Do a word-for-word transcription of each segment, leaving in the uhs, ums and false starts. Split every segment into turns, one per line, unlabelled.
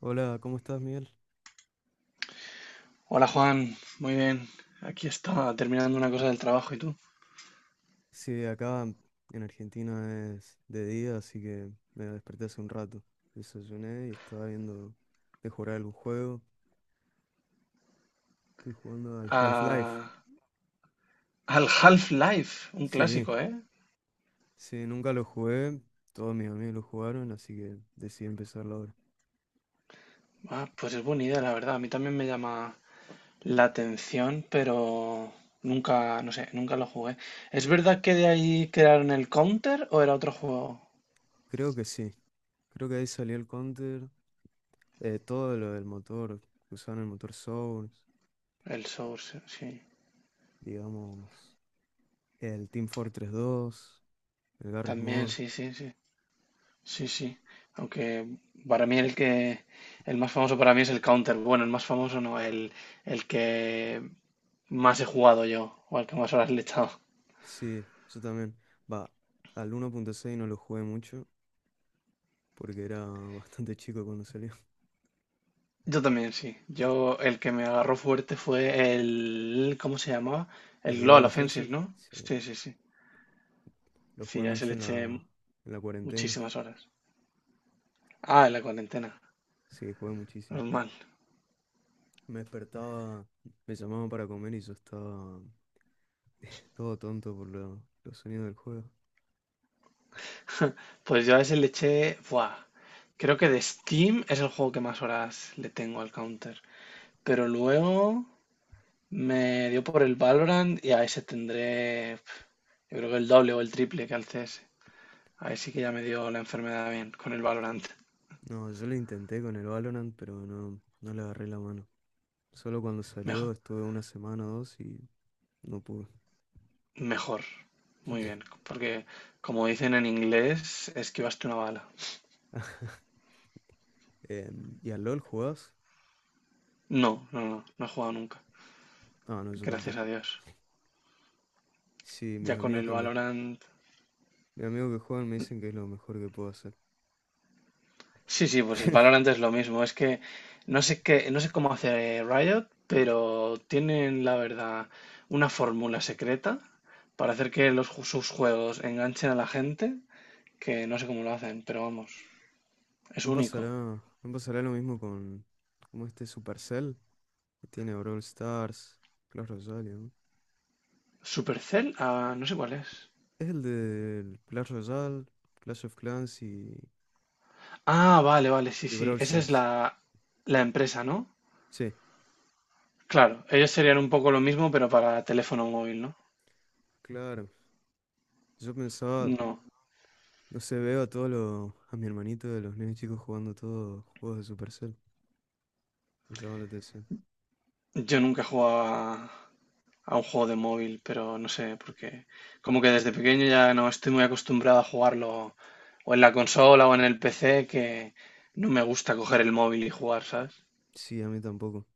Hola, ¿cómo estás, Miguel?
Hola Juan, muy bien. Aquí estaba terminando una cosa del trabajo y tú.
Sí, acá en Argentina es de día, así que me desperté hace un rato. Desayuné y estaba viendo de jugar algún juego. Estoy jugando al Half-Life.
A- Al Half-Life, un
Sí,
clásico, ¿eh?
sí, nunca lo jugué. Todos mis amigos lo jugaron, así que decidí empezarlo ahora.
Ah, pues es buena idea, la verdad. A mí también me llama la atención, pero nunca, no sé, nunca lo jugué. ¿Es verdad que de ahí crearon el Counter o era otro juego?
Creo que sí. Creo que ahí salió el Counter. Eh, todo lo del motor, que usaron el motor Source,
El Source, sí.
digamos, el Team Fortress dos, el Garry's
También,
Mod.
sí, sí, sí. Sí, sí. Aunque para mí el que, el más famoso para mí es el Counter. Bueno, el más famoso no, el, el que más he jugado yo, o al que más horas le he echado.
Sí, yo también. Va, al uno punto seis no lo jugué mucho porque era bastante chico cuando salió.
Yo también, sí. Yo, el que me agarró fuerte fue el ¿cómo se llamaba?
El
El Global
Global
Offensive,
Offensive,
¿no?
sí,
Sí, sí, sí.
lo
Sí,
jugué
a ese
mucho
le
en
eché
la, en la cuarentena.
muchísimas horas. Ah, en la cuarentena.
Sí, jugué muchísimo.
Normal.
Me despertaba, me llamaban para comer y yo estaba todo tonto por lo- los sonidos del juego.
Pues yo a ese le eché buah. Creo que de Steam es el juego que más horas le tengo al Counter. Pero luego me dio por el Valorant, y a ese tendré pf, yo creo que el doble o el triple que al C S. Ahí sí que ya me dio la enfermedad bien con el Valorant.
No, yo lo intenté con el Valorant, pero no, no le agarré la mano. Solo cuando
Mejor,
salió estuve una semana o dos y no pude.
mejor. Muy bien. Porque, como dicen en inglés, esquivaste una bala.
Em, ¿y al LOL jugás?
No, no, no. No he jugado nunca.
Ah, no, yo
Gracias a
tampoco.
Dios.
Sí, mis
Ya con
amigos
el
que me
Valorant.
mis amigos que juegan me dicen que es lo mejor que puedo hacer.
Sí, sí, pues el Valorant es lo mismo. Es que no sé qué, no sé cómo hace Riot, pero tienen, la verdad, una fórmula secreta para hacer que los, ju- sus juegos enganchen a la gente, que no sé cómo lo hacen, pero vamos, es
No pasará,
único.
no pasará lo mismo con como este Supercell que tiene Brawl Stars, Clash Royale, ¿no?
Supercell, ah, no sé cuál es.
Es el de Clash Royale, Clash of Clans y,
Ah, vale, vale, sí,
y
sí.
Brawl
Esa es
Stars.
la, la empresa, ¿no?
Sí,
Claro, ellos serían un poco lo mismo, pero para teléfono móvil, ¿no?
claro. Yo pensaba,
No,
no sé, veo a todos los, a mi hermanito de los nenes chicos jugando todos juegos de Supercell. Me llama la atención.
yo nunca he jugado a, a un juego de móvil, pero no sé, porque como que desde pequeño ya no estoy muy acostumbrado a jugarlo o en la consola o en el P C, que no me gusta coger el móvil y jugar, ¿sabes?
Sí, a mí tampoco.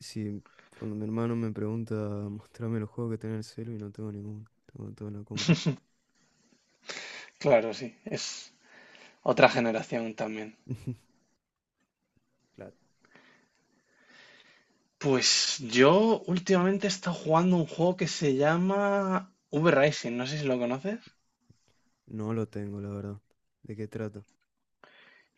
Si cuando mi hermano me pregunta, mostrame los juegos que tiene en el celu y no tengo ninguno, tengo todo en la compu.
Claro, sí, es otra generación también.
Claro.
Pues yo últimamente he estado jugando un juego que se llama V-Rising, no sé si lo conoces.
No lo tengo, la verdad. ¿De qué trato?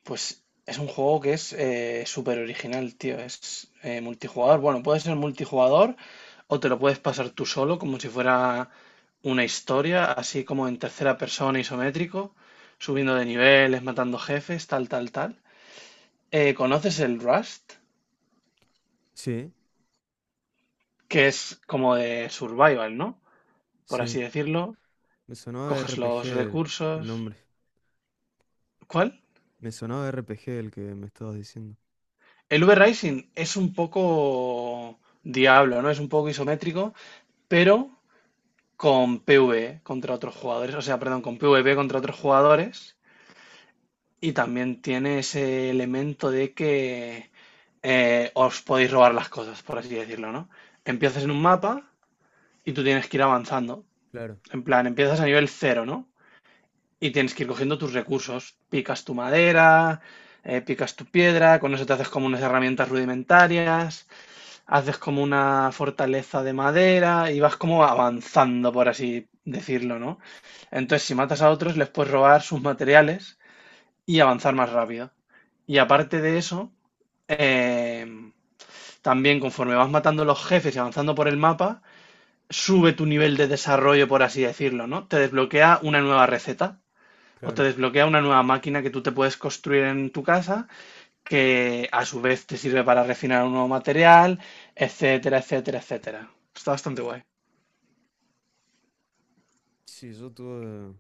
Pues es un juego que es eh, súper original, tío. Es eh, multijugador. Bueno, puede ser multijugador o te lo puedes pasar tú solo, como si fuera una historia, así como en tercera persona isométrico, subiendo de niveles, matando jefes, tal, tal, tal. Eh, ¿conoces el Rust?
Sí,
Que es como de survival, ¿no? Por
sí.
así decirlo.
Me sonaba R
Coges
RPG
los
el, el
recursos.
nombre.
¿Cuál?
Me sonaba R P G el que me estabas diciendo.
El V-Rising es un poco diablo, ¿no? Es un poco isométrico, pero con PvE contra otros jugadores, o sea, perdón, con PvP contra otros jugadores. Y también tiene ese elemento de que eh, os podéis robar las cosas, por así decirlo, ¿no? Empiezas en un mapa y tú tienes que ir avanzando.
Claro,
En plan, empiezas a nivel cero, ¿no? Y tienes que ir cogiendo tus recursos. Picas tu madera, eh, picas tu piedra, con eso te haces como unas herramientas rudimentarias, haces como una fortaleza de madera y vas como avanzando, por así decirlo, ¿no? Entonces, si matas a otros, les puedes robar sus materiales y avanzar más rápido. Y aparte de eso, eh, también conforme vas matando los jefes y avanzando por el mapa, sube tu nivel de desarrollo, por así decirlo, ¿no? Te desbloquea una nueva receta o te
claro.
desbloquea una nueva máquina que tú te puedes construir en tu casa que a su vez te sirve para refinar un nuevo material, etcétera, etcétera, etcétera. Está bastante guay.
Sí, yo tuve,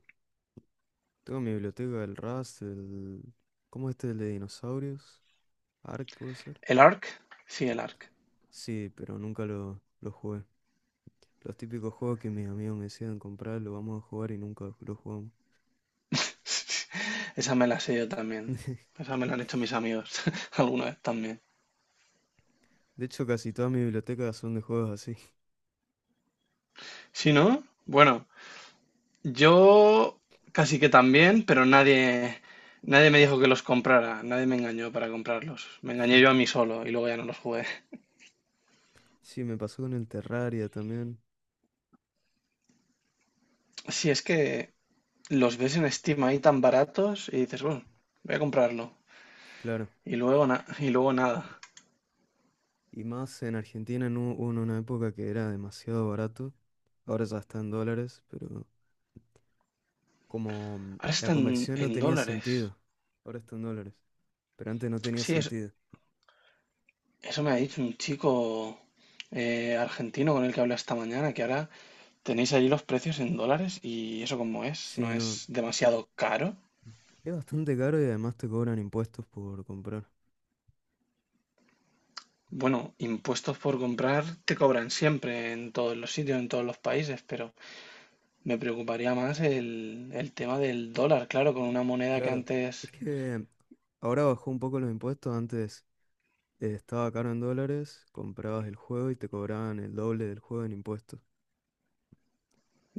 tuve mi biblioteca del Rust, el... ¿Cómo es este? El de dinosaurios. Ark puede ser.
¿El A R C? Sí, el A R C.
Sí, pero nunca lo, lo jugué. Los típicos juegos que mis amigos me decían comprar, lo vamos a jugar y nunca lo jugamos.
Esa me la sé yo también. Esa me la han hecho mis amigos alguna vez también.
De hecho, casi toda mi biblioteca son de juegos así.
Si no, bueno, yo casi que también, pero nadie, nadie me dijo que los comprara, nadie me engañó para comprarlos. Me engañé yo a mí solo y luego ya no los jugué.
Sí, me pasó con el Terraria también.
Si es que los ves en Steam ahí tan baratos y dices, bueno, voy a comprarlo.
Claro.
Y luego, na- y luego nada.
Y más en Argentina en u- hubo una época que era demasiado barato. Ahora ya está en dólares, pero como mm,
Ahora
la
están en,
conversión no
en
tenía
dólares.
sentido. Ahora está en dólares, pero antes no tenía
Sí, es-
sentido.
eso me ha dicho un chico eh, argentino con el que hablé esta mañana, que ahora tenéis allí los precios en dólares y eso como es,
Sí,
no
no,
es demasiado caro.
es bastante caro y además te cobran impuestos por comprar.
Bueno, impuestos por comprar te cobran siempre en todos los sitios, en todos los países, pero me preocuparía más el, el tema del dólar, claro, con una moneda que
Claro, es
antes...
que ahora bajó un poco los impuestos. Antes eh, estaba caro en dólares, comprabas el juego y te cobraban el doble del juego en impuestos.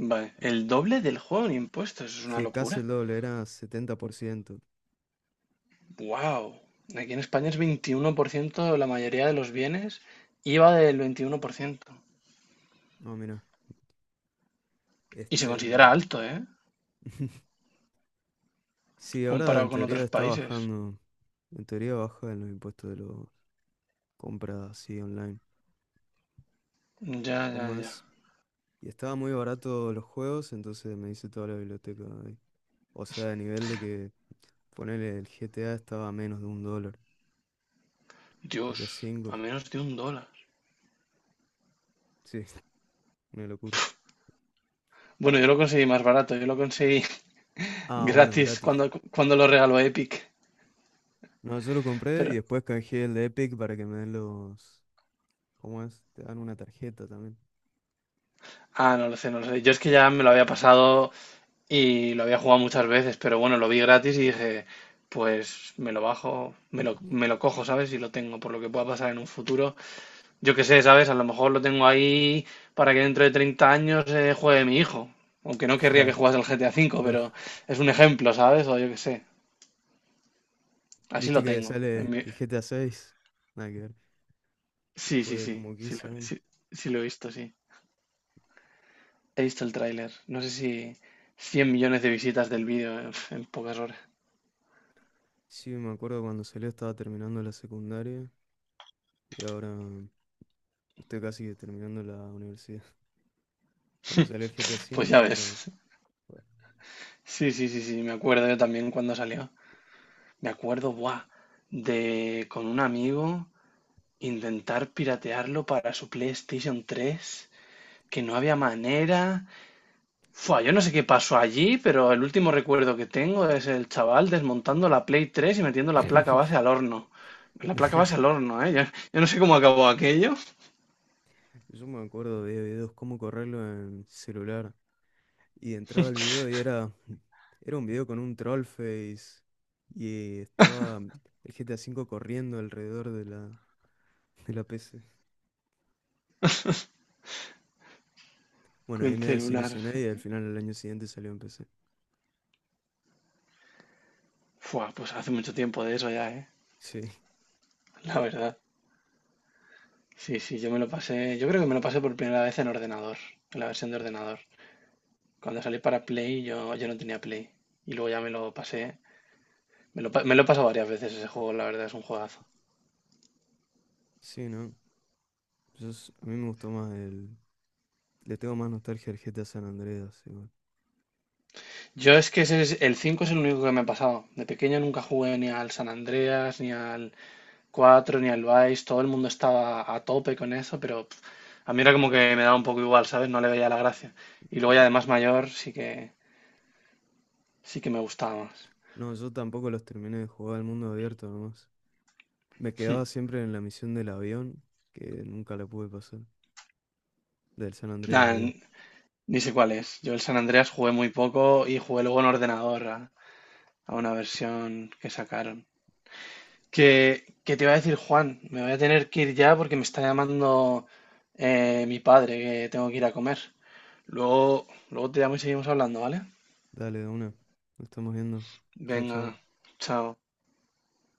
Vale, el doble del juego en impuestos, es una
Sí, casi
locura.
el doble, era setenta por ciento.
Wow, aquí en España es veintiuno por ciento la mayoría de los bienes, I V A del veintiuno por ciento.
No, mira,
Y se
este... mm,
considera alto, ¿eh?
Sí, ahora
Comparado
en
con
teoría
otros
está
países.
bajando. En teoría baja los impuestos de las compras así online.
Ya, ya,
¿Cómo
ya.
es? Y estaba muy barato los juegos, entonces me hice toda la biblioteca ahí. O sea, a nivel de que ponerle el G T A estaba a menos de un dólar.
Dios,
G T A cinco,
a menos de un dólar.
sí, una locura.
Bueno, yo lo conseguí más barato, yo lo conseguí
Ah, bueno,
gratis
gratis.
cuando, cuando lo regaló Epic.
No, yo lo compré y
Pero,
después canjeé el de Epic para que me den los... ¿Cómo es? Te dan una tarjeta también.
ah, no lo sé, no lo sé. Yo es que ya me lo había pasado y lo había jugado muchas veces, pero bueno, lo vi gratis y dije, pues me lo bajo, me lo, me lo cojo, ¿sabes? Y lo tengo, por lo que pueda pasar en un futuro. Yo qué sé, ¿sabes? A lo mejor lo tengo ahí para que dentro de treinta años eh, juegue mi hijo. Aunque no querría que
Claro,
jugase el G T A V,
no.
pero es un ejemplo, ¿sabes? O yo qué sé. Así
¿Viste
lo
que
tengo. en
sale
mi-
el G T A seis, Nada que ver,
Sí, sí,
después de
sí.
como
Sí, lo
quince años.
sí- sí lo he visto, sí. He visto el tráiler. No sé si cien millones de visitas del vídeo en, en pocas horas.
Sí, me acuerdo cuando salió estaba terminando la secundaria y ahora estoy casi que terminando la universidad. Cuando salió el GTA
Pues
V
ya
y ahora...
ves.
bueno.
Sí, sí, sí, sí. Me acuerdo yo también cuando salió. Me acuerdo, buah, de con un amigo intentar piratearlo para su PlayStation tres que no había manera. Fua, yo no sé qué pasó allí, pero el último recuerdo que tengo es el chaval desmontando la Play tres y metiendo la placa base al horno. La placa base al horno, ¿eh? Yo, yo no sé cómo acabó aquello
Yo me acuerdo de videos cómo correrlo en celular y entraba el video y era... era un video con un troll face y estaba el G T A cinco corriendo alrededor de la, de la, P C. Bueno, ahí
con
me
celular.
desilusioné y al final el año siguiente salió en P C.
Fua, pues hace mucho tiempo de eso ya, ¿eh?
Sí,
La verdad. Sí, sí, yo me lo pasé. Yo creo que me lo pasé por primera vez en ordenador, en la versión de ordenador. Cuando salí para Play, yo, yo no tenía Play. Y luego ya me lo pasé. Me lo, pa- me lo he pasado varias veces ese juego, la verdad, es un juegazo.
sí, ¿no? Yo s- a mí me gustó más el, Le tengo más nostalgia al G T A San Andreas, igual.
Yo es que ese es, el cinco es el único que me ha pasado. De pequeño nunca jugué ni al San Andreas, ni al cuatro ni al Vice. Todo el mundo estaba a tope con eso, pero pf, a mí era como que me daba un poco igual, ¿sabes? No le veía la gracia. Y luego ya de más mayor sí que, sí que me gustaba más.
No, yo tampoco los terminé de jugar al mundo abierto nomás. Me quedaba siempre en la misión del avión, que nunca la pude pasar. Del San
Nah,
Andreas, digo.
n- ni sé cuál es. Yo el San Andreas jugué muy poco y jugué luego en ordenador a, a una versión que sacaron. Que, que te iba a decir, Juan, me voy a tener que ir ya porque me está llamando eh, mi padre, que tengo que ir a comer. Luego, luego te llamo y seguimos hablando, ¿vale?
Dale, de una. Nos estamos viendo. Chau,
Venga,
chau.
chao.